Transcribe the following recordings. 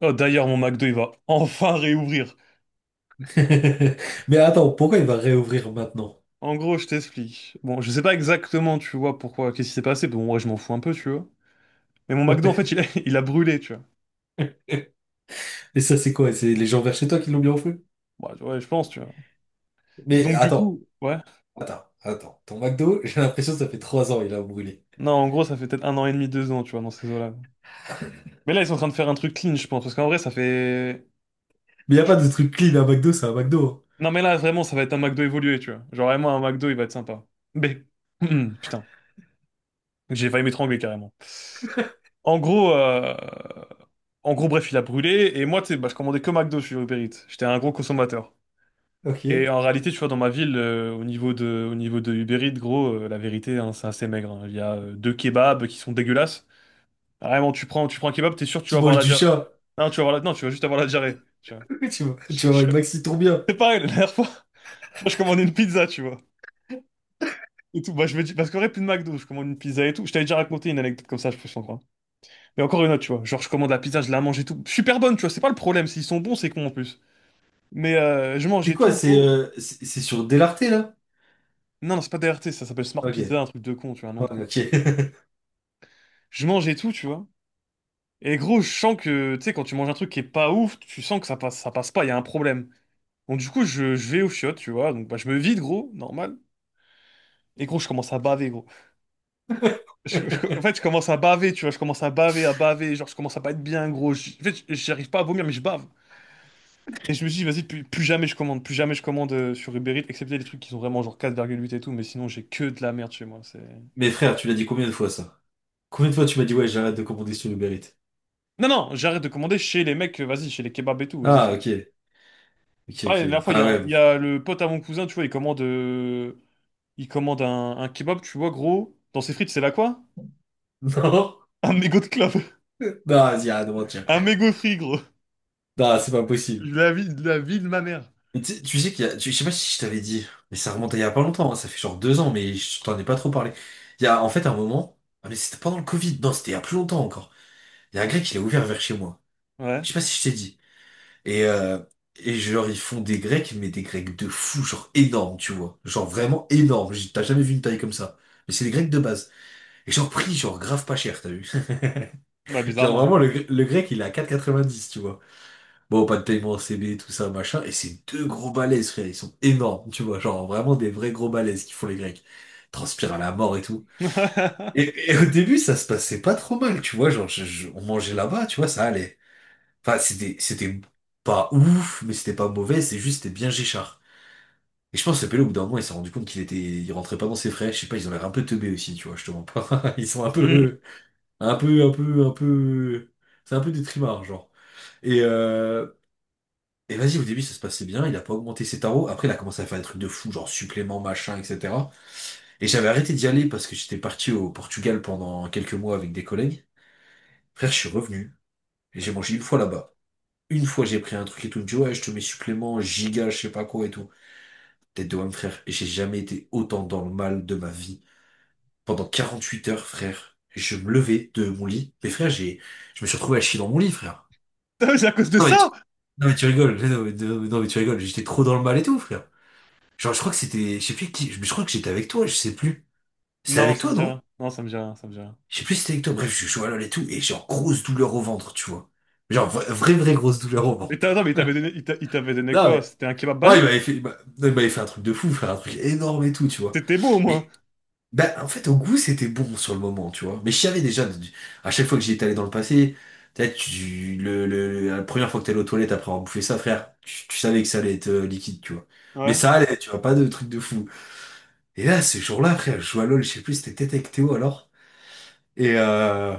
Oh, d'ailleurs, mon McDo, il va enfin réouvrir. Mais attends, pourquoi il va réouvrir maintenant? En gros, je t'explique. Bon, je sais pas exactement, tu vois, pourquoi, qu'est-ce qui s'est passé. Bon, moi, je m'en fous un peu, tu vois. Mais mon McDo, en fait, il a, il a brûlé, tu vois. Et ça, c'est quoi? C'est les gens vers chez toi qui l'ont bien offert? Bah, ouais, tu vois, je pense, tu vois. Et Mais donc, du attends, coup, ouais. attends, attends. Ton McDo, j'ai l'impression que ça fait 3 ans il a brûlé. Non, en gros, ça fait peut-être 1 an et demi, 2 ans, tu vois, dans ces eaux-là. Mais là, ils sont en train de faire un truc clean, je pense. Parce qu'en vrai, ça fait. Mais y a pas de truc clean à McDo, c'est un McDo. Non, mais là, vraiment, ça va être un McDo évolué, tu vois. Genre, vraiment, un McDo, il va être sympa. Mais, putain, j'ai failli m'étrangler carrément. En gros, euh, En gros, bref, il a brûlé. Et moi, tu sais, bah, je commandais que McDo sur Uber Eats. J'étais un gros consommateur. Hein. Ok. Et en réalité, tu vois, dans ma ville, au niveau de Uber Eats, gros, la vérité, hein, c'est assez maigre. Hein. Il y a deux kebabs qui sont dégueulasses. Vraiment, tu prends un kebab, t'es sûr que tu Tu vas avoir manges la du diarrhée. chat. Non, tu vas avoir la... non, tu vas juste avoir la diarrhée. Tu vois. Tu vas, tu Je- vas avoir je- une maxi bien. C'est pareil, la dernière fois, tu vois, je commandais une pizza, tu vois. Et tout. Bah, je me dis, parce qu'en vrai, plus de McDo, je commande une pizza et tout. Je t'avais déjà raconté une anecdote comme ça, je peux s'en croire. Mais encore une autre, tu vois. Genre, je commande la pizza, je la mange et tout. Super bonne, tu vois. C'est pas le problème. S'ils sont bons, c'est con en plus. Mais je C'est mangeais quoi? tout, C'est gros. C'est sur Delarté, là? Non, non, c'est pas DRT, ça s'appelle Smart Ok. Pizza, un truc de con, tu vois, un nom de Ouais, con. ok. Je mangeais tout, tu vois. Et gros, je sens que, tu sais, quand tu manges un truc qui est pas ouf, tu sens que ça passe pas, il y a un problème. Donc du coup, je vais aux chiottes, tu vois. Donc bah, je me vide, gros, normal. Et gros, je commence à baver, gros. En fait, je commence à baver, tu vois. Je commence à baver, à baver. Genre, je commence à pas être bien, gros. En fait, j'arrive pas à vomir, mais je bave. Et je me suis dit, vas-y, plus jamais je commande. Plus jamais je commande sur Uber Eats, excepté les trucs qui sont vraiment genre 4,8 et tout. Mais sinon, j'ai que de la merde chez moi. C'est... Mais frère, tu l'as dit combien de fois, ça? Combien de fois tu m'as dit, ouais, j'arrête de commander sur Uber Eats? Non, non, j'arrête de commander chez les mecs, vas-y, chez les kebabs et tout, vas-y, c'est Ah, bon. ok. Ok, Pareil, la ok. dernière fois, il y Ah a, un- ouais. il Bon. y a le pote à mon cousin, tu vois, il commande un kebab, tu vois, gros, dans ses frites, c'est là quoi? Non. Un mégot de clope. Non, vas-y, arrête de mentir, Un frère. mégot de frit, gros. Non, c'est pas possible. Je la vie de ma mère. Mais tu sais qu'il y a, je sais pas si je t'avais dit, mais ça remonte à il y a pas longtemps, hein, ça fait genre 2 ans, mais je t'en ai pas trop parlé. Il y a en fait un moment, ah mais c'était pendant le Covid, non, c'était il y a plus longtemps encore. Il y a un grec, il a ouvert vers chez moi. Ouais, Je sais pas si je t'ai dit. Et, euh, et genre, ils font des grecs, mais des grecs de fou, genre énormes, tu vois. Genre vraiment énormes, t'as jamais vu une taille comme ça. Mais c'est des grecs de base. Et genre prix, genre grave pas cher, t'as vu. ouais, Genre vraiment, bizarrement. Le grec, il est à 10, tu vois. Bon, pas de paiement en CB, tout ça, machin. Et c'est deux gros balaises, frère. Ils sont énormes, tu vois. Genre, vraiment des vrais gros balaises qui font les Grecs. Ils transpirent à la mort et tout. Ouais. Et au début, ça se passait pas trop mal, tu vois. Genre, on mangeait là-bas, tu vois, ça allait. Enfin, c'était pas ouf, mais c'était pas mauvais. C'est juste, c'était bien Géchard. Et je pense que ce pélo, au bout d'un moment, il s'est rendu compte il rentrait pas dans ses frais. Je sais pas, ils ont l'air un peu teubés aussi, tu vois, je te mens pas. Ils sont un Hmm. peu, un peu, un peu, un peu, c'est un peu des trimards, genre. Et, euh, Et vas-y, au début, ça se passait bien, il a pas augmenté ses tarots. Après, il a commencé à faire des trucs de fou, genre supplément machin, etc. Et j'avais arrêté d'y aller parce que j'étais parti au Portugal pendant quelques mois avec des collègues. Frère, je suis revenu et j'ai mangé une fois là-bas. Une fois, j'ai pris un truc et tout. Il me dit, ouais, je te mets supplément, giga, je sais pas quoi et tout. Tête de homme, frère. Et j'ai jamais été autant dans le mal de ma vie. Pendant 48 heures, frère, je me levais de mon lit. Mais frère, je me suis retrouvé à chier dans mon lit, frère. Putain, c'est à cause de Non, mais tu- ça? Non, mais tu rigoles. Non, mais, non, mais tu rigoles. J'étais trop dans le mal et tout, frère. Genre, je crois que c'était, je sais plus qui, je crois que j'étais avec toi, je sais plus. C'était Non, avec ça me toi, dit non? rien. Non, ça me dit rien, ça me dit rien. Je sais plus si c'était avec toi. Bref, je suis allé et tout, et genre, grosse douleur au ventre, tu vois. Genre, vraie, vraie grosse douleur au Mais attends, ventre. mais il t'avait donné Hein. Non, quoi? mais, C'était un kebab ouais, il basique? m'avait Genre. fait, non, il m'avait fait un truc de fou, frère, un truc énorme et tout, tu vois. C'était beau au moins. Mais, bah, en fait, au goût, c'était bon sur le moment, tu vois. Mais je savais déjà, à chaque fois que j'y étais allé dans le passé, peut-être, la première fois que t'allais aux toilettes après avoir bouffé ça, frère, tu savais que ça allait être liquide, tu vois. Mais Ouais. ça allait, tu vois, pas de truc de fou. Et là, ce jour-là, frère, je joue à LoL, je sais plus, si c'était peut-être avec Théo alors. Et, euh,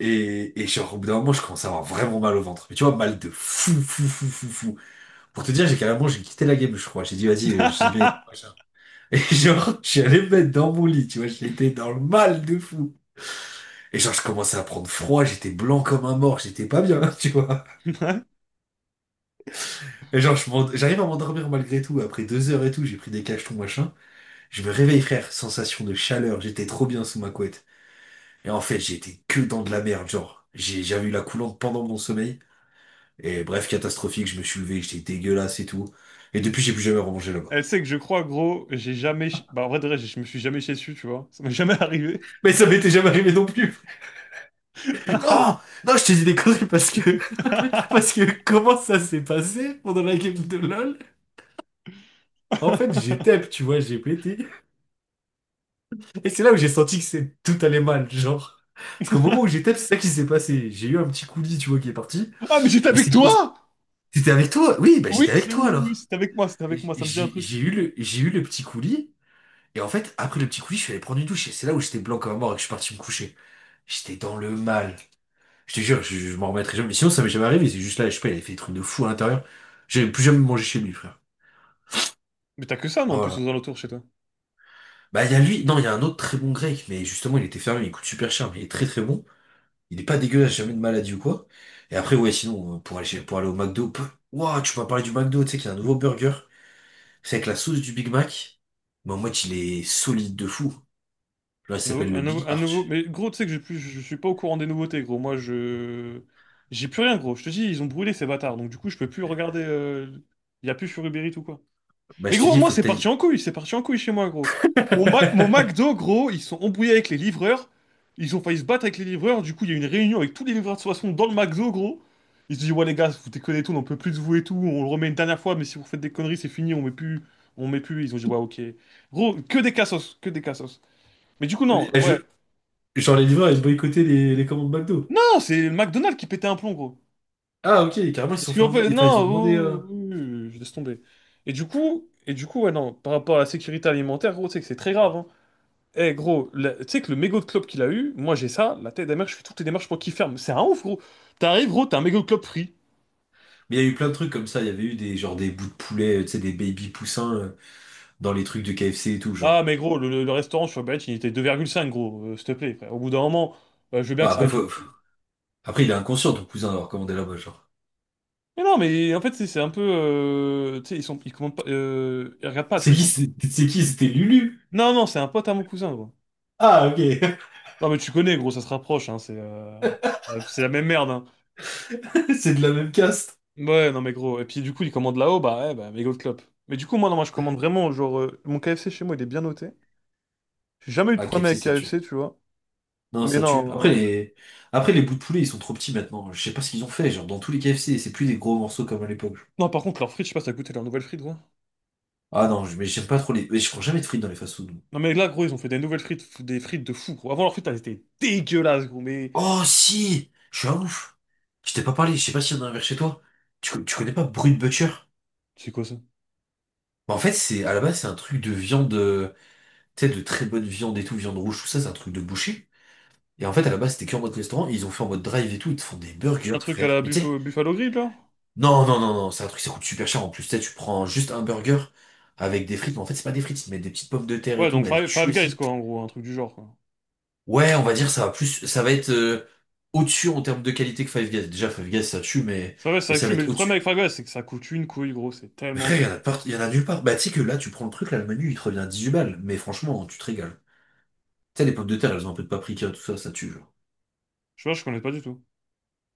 et genre, au bout d'un moment, je commence à avoir vraiment mal au ventre. Mais tu vois, mal de fou, fou, fou, fou, fou. Pour te dire, j'ai carrément, j'ai quitté la game, je crois. J'ai dit, vas-y, j'y vais. Machin. Et genre, je suis allé me mettre dans mon lit, tu vois, j'étais dans le mal de fou. Et genre, je commençais à prendre froid, j'étais blanc comme un mort, j'étais pas bien, tu vois. Et genre, j'arrive à m'endormir malgré tout. Après 2 heures et tout, j'ai pris des cachetons, machin. Je me réveille, frère, sensation de chaleur, j'étais trop bien sous ma couette. Et en fait, j'étais que dans de la merde, genre. J'avais eu la coulante pendant mon sommeil. Et bref, catastrophique, je me suis levé, j'étais dégueulasse et tout. Et depuis, j'ai plus jamais remangé là-bas. Elle sait que je crois, gros, j'ai jamais... Bah, en vrai, de vrai, je me suis jamais chié dessus, tu vois. Ça m'est jamais arrivé. Mais ça m'était jamais arrivé non plus. Non, non, je te dis des conneries parce que parce que comment ça s'est passé pendant la game de LoL? En fait, j'étais, tu vois, j'ai pété. Et c'est là où j'ai senti que c'est tout allait mal, genre. Parce qu'au moment où j'étais, c'est ça qui s'est passé. J'ai eu un petit coulis, tu vois, qui est parti. Ah, mais j'étais Et avec c'est pour... toi! T'étais avec toi? Oui, bah Oui, j'étais avec toi oui, oui, alors. c'était avec moi, c'est avec moi, ça me dit un J'ai j'ai truc. eu le, j'ai eu le petit coulis. Et en fait, après le petit coulis, je suis allé prendre une douche. Et c'est là où j'étais blanc comme un mort et que je suis parti me coucher. J'étais dans le mal. Je te jure, je m'en remettrai jamais. Mais sinon, ça m'est jamais arrivé. C'est juste là, je sais pas, il avait fait des trucs de fou à l'intérieur. J'avais plus jamais mangé chez lui, frère. Mais t'as que ça, non, en plus, Voilà. aux alentours chez toi. Bah, il y a lui. Non, il y a un autre très bon grec. Mais justement, il était fermé. Il coûte super cher, mais il est très très bon. Il est pas dégueulasse, jamais de maladie ou quoi. Et après, ouais, sinon, pour aller, pour aller au McDo. Ouah, tu m'as parlé du McDo. Tu sais qu'il y a un nouveau burger. C'est avec la sauce du Big Mac. Mais en mode, il est solide de fou. Genre, il Un nouveau... s'appelle le un nouveau- Big un nouveau- Arch. Mais gros, tu sais que je suis pas au courant des nouveautés, gros. Moi, je... J'ai plus rien, gros. Je te dis, ils ont brûlé ces bâtards. Donc, du coup, je peux plus regarder. Il y a plus sur Uber Eats ou quoi. Bah, Mais je te gros, dis, il moi, faut que c'est parti t'ailles. en couille, c'est parti en couille chez moi, gros. Mon McDo, gros, ils sont embrouillés avec les livreurs. Ils ont failli se battre avec les livreurs. Du coup, il y a eu une réunion avec tous les livreurs de façon dans le McDo, gros. Ils se disent, ouais, les gars, vous déconnez tout, on n'en peut plus de vous et tout. On le remet une dernière fois, mais si vous faites des conneries, c'est fini, on met plus. On met plus. Ils ont dit, ouais, ok. Gros, que des cassos, que des cassos. Mais du coup, Les- non, je- ouais. Genre les livreurs, ils boycottaient les commandes McDo. Non, c'est le McDonald's qui pétait un plomb, gros. Ah ok, carrément ils se Parce sont que, fait en enlever. fait, Enfin non, ils ont demandé. Oh, oh, oh, je laisse tomber. Et du coup, ouais, non, par rapport à la sécurité alimentaire, gros, tu sais que c'est très grave, hein. Eh gros, tu sais que le mégot de clope qu'il a eu, moi j'ai ça, la tête d'amère, je fais toutes les démarches pour qu'il ferme. C'est un ouf gros. T'arrives gros, t'as un mégot de clope free. Mais il y a eu plein de trucs comme ça. Il y avait eu des, genre, des bouts de poulet, tu sais, des baby poussins dans les trucs de KFC et tout, genre. Ah mais gros, le restaurant sur Uber Eats, il était 2,5 gros, s'il te plaît frère. Au bout d'un moment, je veux bien Bah, que ça après, arrive une fois. après, il est inconscient, ton cousin, d'avoir commandé là-bas, genre. Mais non mais en fait c'est un peu... tu sais, ils commandent pas... ils regardent pas, tu C'est vois, ils qui? sont... C'est qui? C'était Lulu. Non non, c'est un pote à mon cousin gros. Ah ok, Non mais tu connais gros, ça se rapproche, hein, c'est... c'est la même merde hein. c'est de la même caste. Ouais non mais gros, et puis du coup il commande là-haut, bah ouais, bah mégot de clope. Mais du coup moi non, moi je commande vraiment, genre, mon KFC chez moi il est bien noté. J'ai jamais eu de Ah, problème KFC, avec ça KFC, tue. tu vois. Non, Mais ça tue. Non. Après, les bouts de poulet, ils sont trop petits maintenant. Je sais pas ce qu'ils ont fait. Genre, dans tous les KFC, c'est plus des gros morceaux comme à l'époque. Non, par contre, leurs frites, je sais pas si t'as goûté leurs nouvelles frites, gros. Ah non, mais j'aime pas trop les. Mais je prends jamais de frites dans les fast-food. Non, mais là, gros, ils ont fait des nouvelles des frites de fou, gros. Avant, leurs frites, elles étaient dégueulasses, gros, mais... Oh si! Je suis un ouf! Je t'ai pas parlé, je sais pas s'il y en a un vers chez toi. Tu connais pas Brut Butcher? C'est quoi ça? Bah, en fait, c'est à la base, c'est un truc de viande, tu sais, de très bonne viande et tout, viande rouge, tout ça, c'est un truc de boucher. Et en fait, à la base, c'était que en mode restaurant, et ils ont fait en mode drive et tout, ils te font des C'est burgers, un truc à frère. la Mais tu sais, Buffalo, Buffalo Grill, là? non, non, non, non, c'est un truc, ça coûte super cher en plus. Tu sais, tu prends juste un burger avec des frites, mais en fait, c'est pas des frites, ils te mettent des petites pommes de terre et Ouais, tout, donc mais elles Five, tuent Five Guys, aussi. quoi, en gros, un truc du genre, quoi. Ouais, on va dire, ça va être au-dessus en termes de qualité que Five Guys. Déjà, Five Guys, ça tue, mais, Five Guys, mais ça ça tue, va mais le être problème avec au-dessus. Five Guys, c'est que ça coûte une couille, gros, c'est Mais tellement frère, cher. Il y en a nulle part. Bah, tu sais que là, tu prends le truc, là, le menu, il te revient 8 balles, mais franchement, tu te régales. Tu sais, les pommes de terre, elles ont un peu de paprika, tout ça, ça tue, genre. Je vois, je connais pas du tout.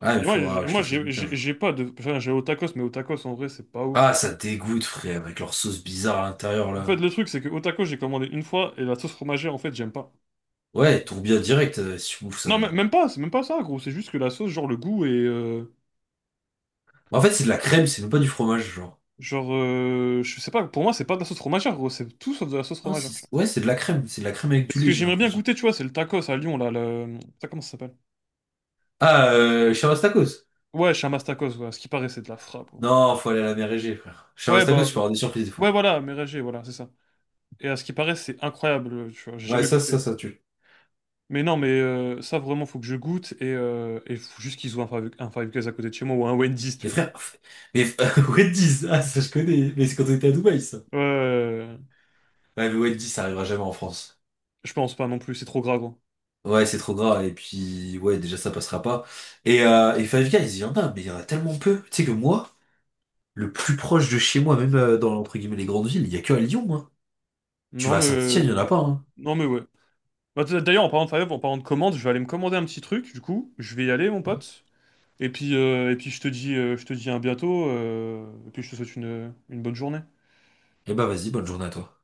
Ah, Mais il moi, faudra que je te fasse goûter un jour. j'ai pas de... Enfin, j'ai au tacos, mais au tacos, en vrai, c'est pas Ah, ouf. ça dégoûte, frère, avec leur sauce bizarre à l'intérieur, En fait, là. le truc, c'est que au tacos, j'ai commandé une fois, et la sauce fromagère, en fait, j'aime pas. Ouais, tourbillon direct, si tu bouffes Non, ça, genre. même pas, c'est même pas ça, gros. C'est juste que la sauce, genre le goût est. En fait, c'est de la crème, c'est même pas du fromage, genre. Genre, je sais pas, pour moi, c'est pas de la sauce fromagère, gros. C'est tout sauf de la sauce Ah, fromagère, tu vois. ouais, c'est de la crème, c'est de la crème avec Et du ce lait, que j'ai j'aimerais bien l'impression. goûter, tu vois, c'est le tacos à Lyon, là. Ça, comment ça s'appelle? Ah, Chamastakos. Ouais, Chamas tacos, ouais. À ce qui paraît, c'est de la frappe, gros. Non, faut aller à la mer Égée, frère. Ouais, Chamastakos, bah. tu peux avoir des surprises des Ouais, fois. voilà, Mérégée, voilà, c'est ça. Et à ce qui paraît, c'est incroyable, tu vois. J'ai Ouais, jamais ça, ça, goûté. ça tue. Mais non, mais ça, vraiment, faut que je goûte. Et faut juste qu'ils ouvrent un Five Guys à côté de chez moi ou un Wendy's, Et tu vois. frère, mais Wendy's, ah, ça je connais, mais c'est quand on était à Dubaï, ça. Ouais, ouais, ouais, ouais. Ouais, mais Wendy's, ça arrivera jamais en France. Je pense pas non plus, c'est trop gras, gros. Ouais, c'est trop gras, et puis, ouais, déjà, ça passera pas. Et Five Guys, il y en a, mais il y en a tellement peu. Tu sais que moi, le plus proche de chez moi, même dans, entre guillemets, les grandes villes, il y a que à Lyon, hein. Tu Non, vas à mais. Saint-Étienne, il y en a pas, hein. Non mais ouais. Bah, d'ailleurs, en parlant de Five, en parlant de commande, je vais aller me commander un petit truc, du coup, je vais y aller, mon pote. Et puis je te dis à bientôt, et puis je te souhaite une bonne journée. Eh bah vas-y, bonne journée à toi.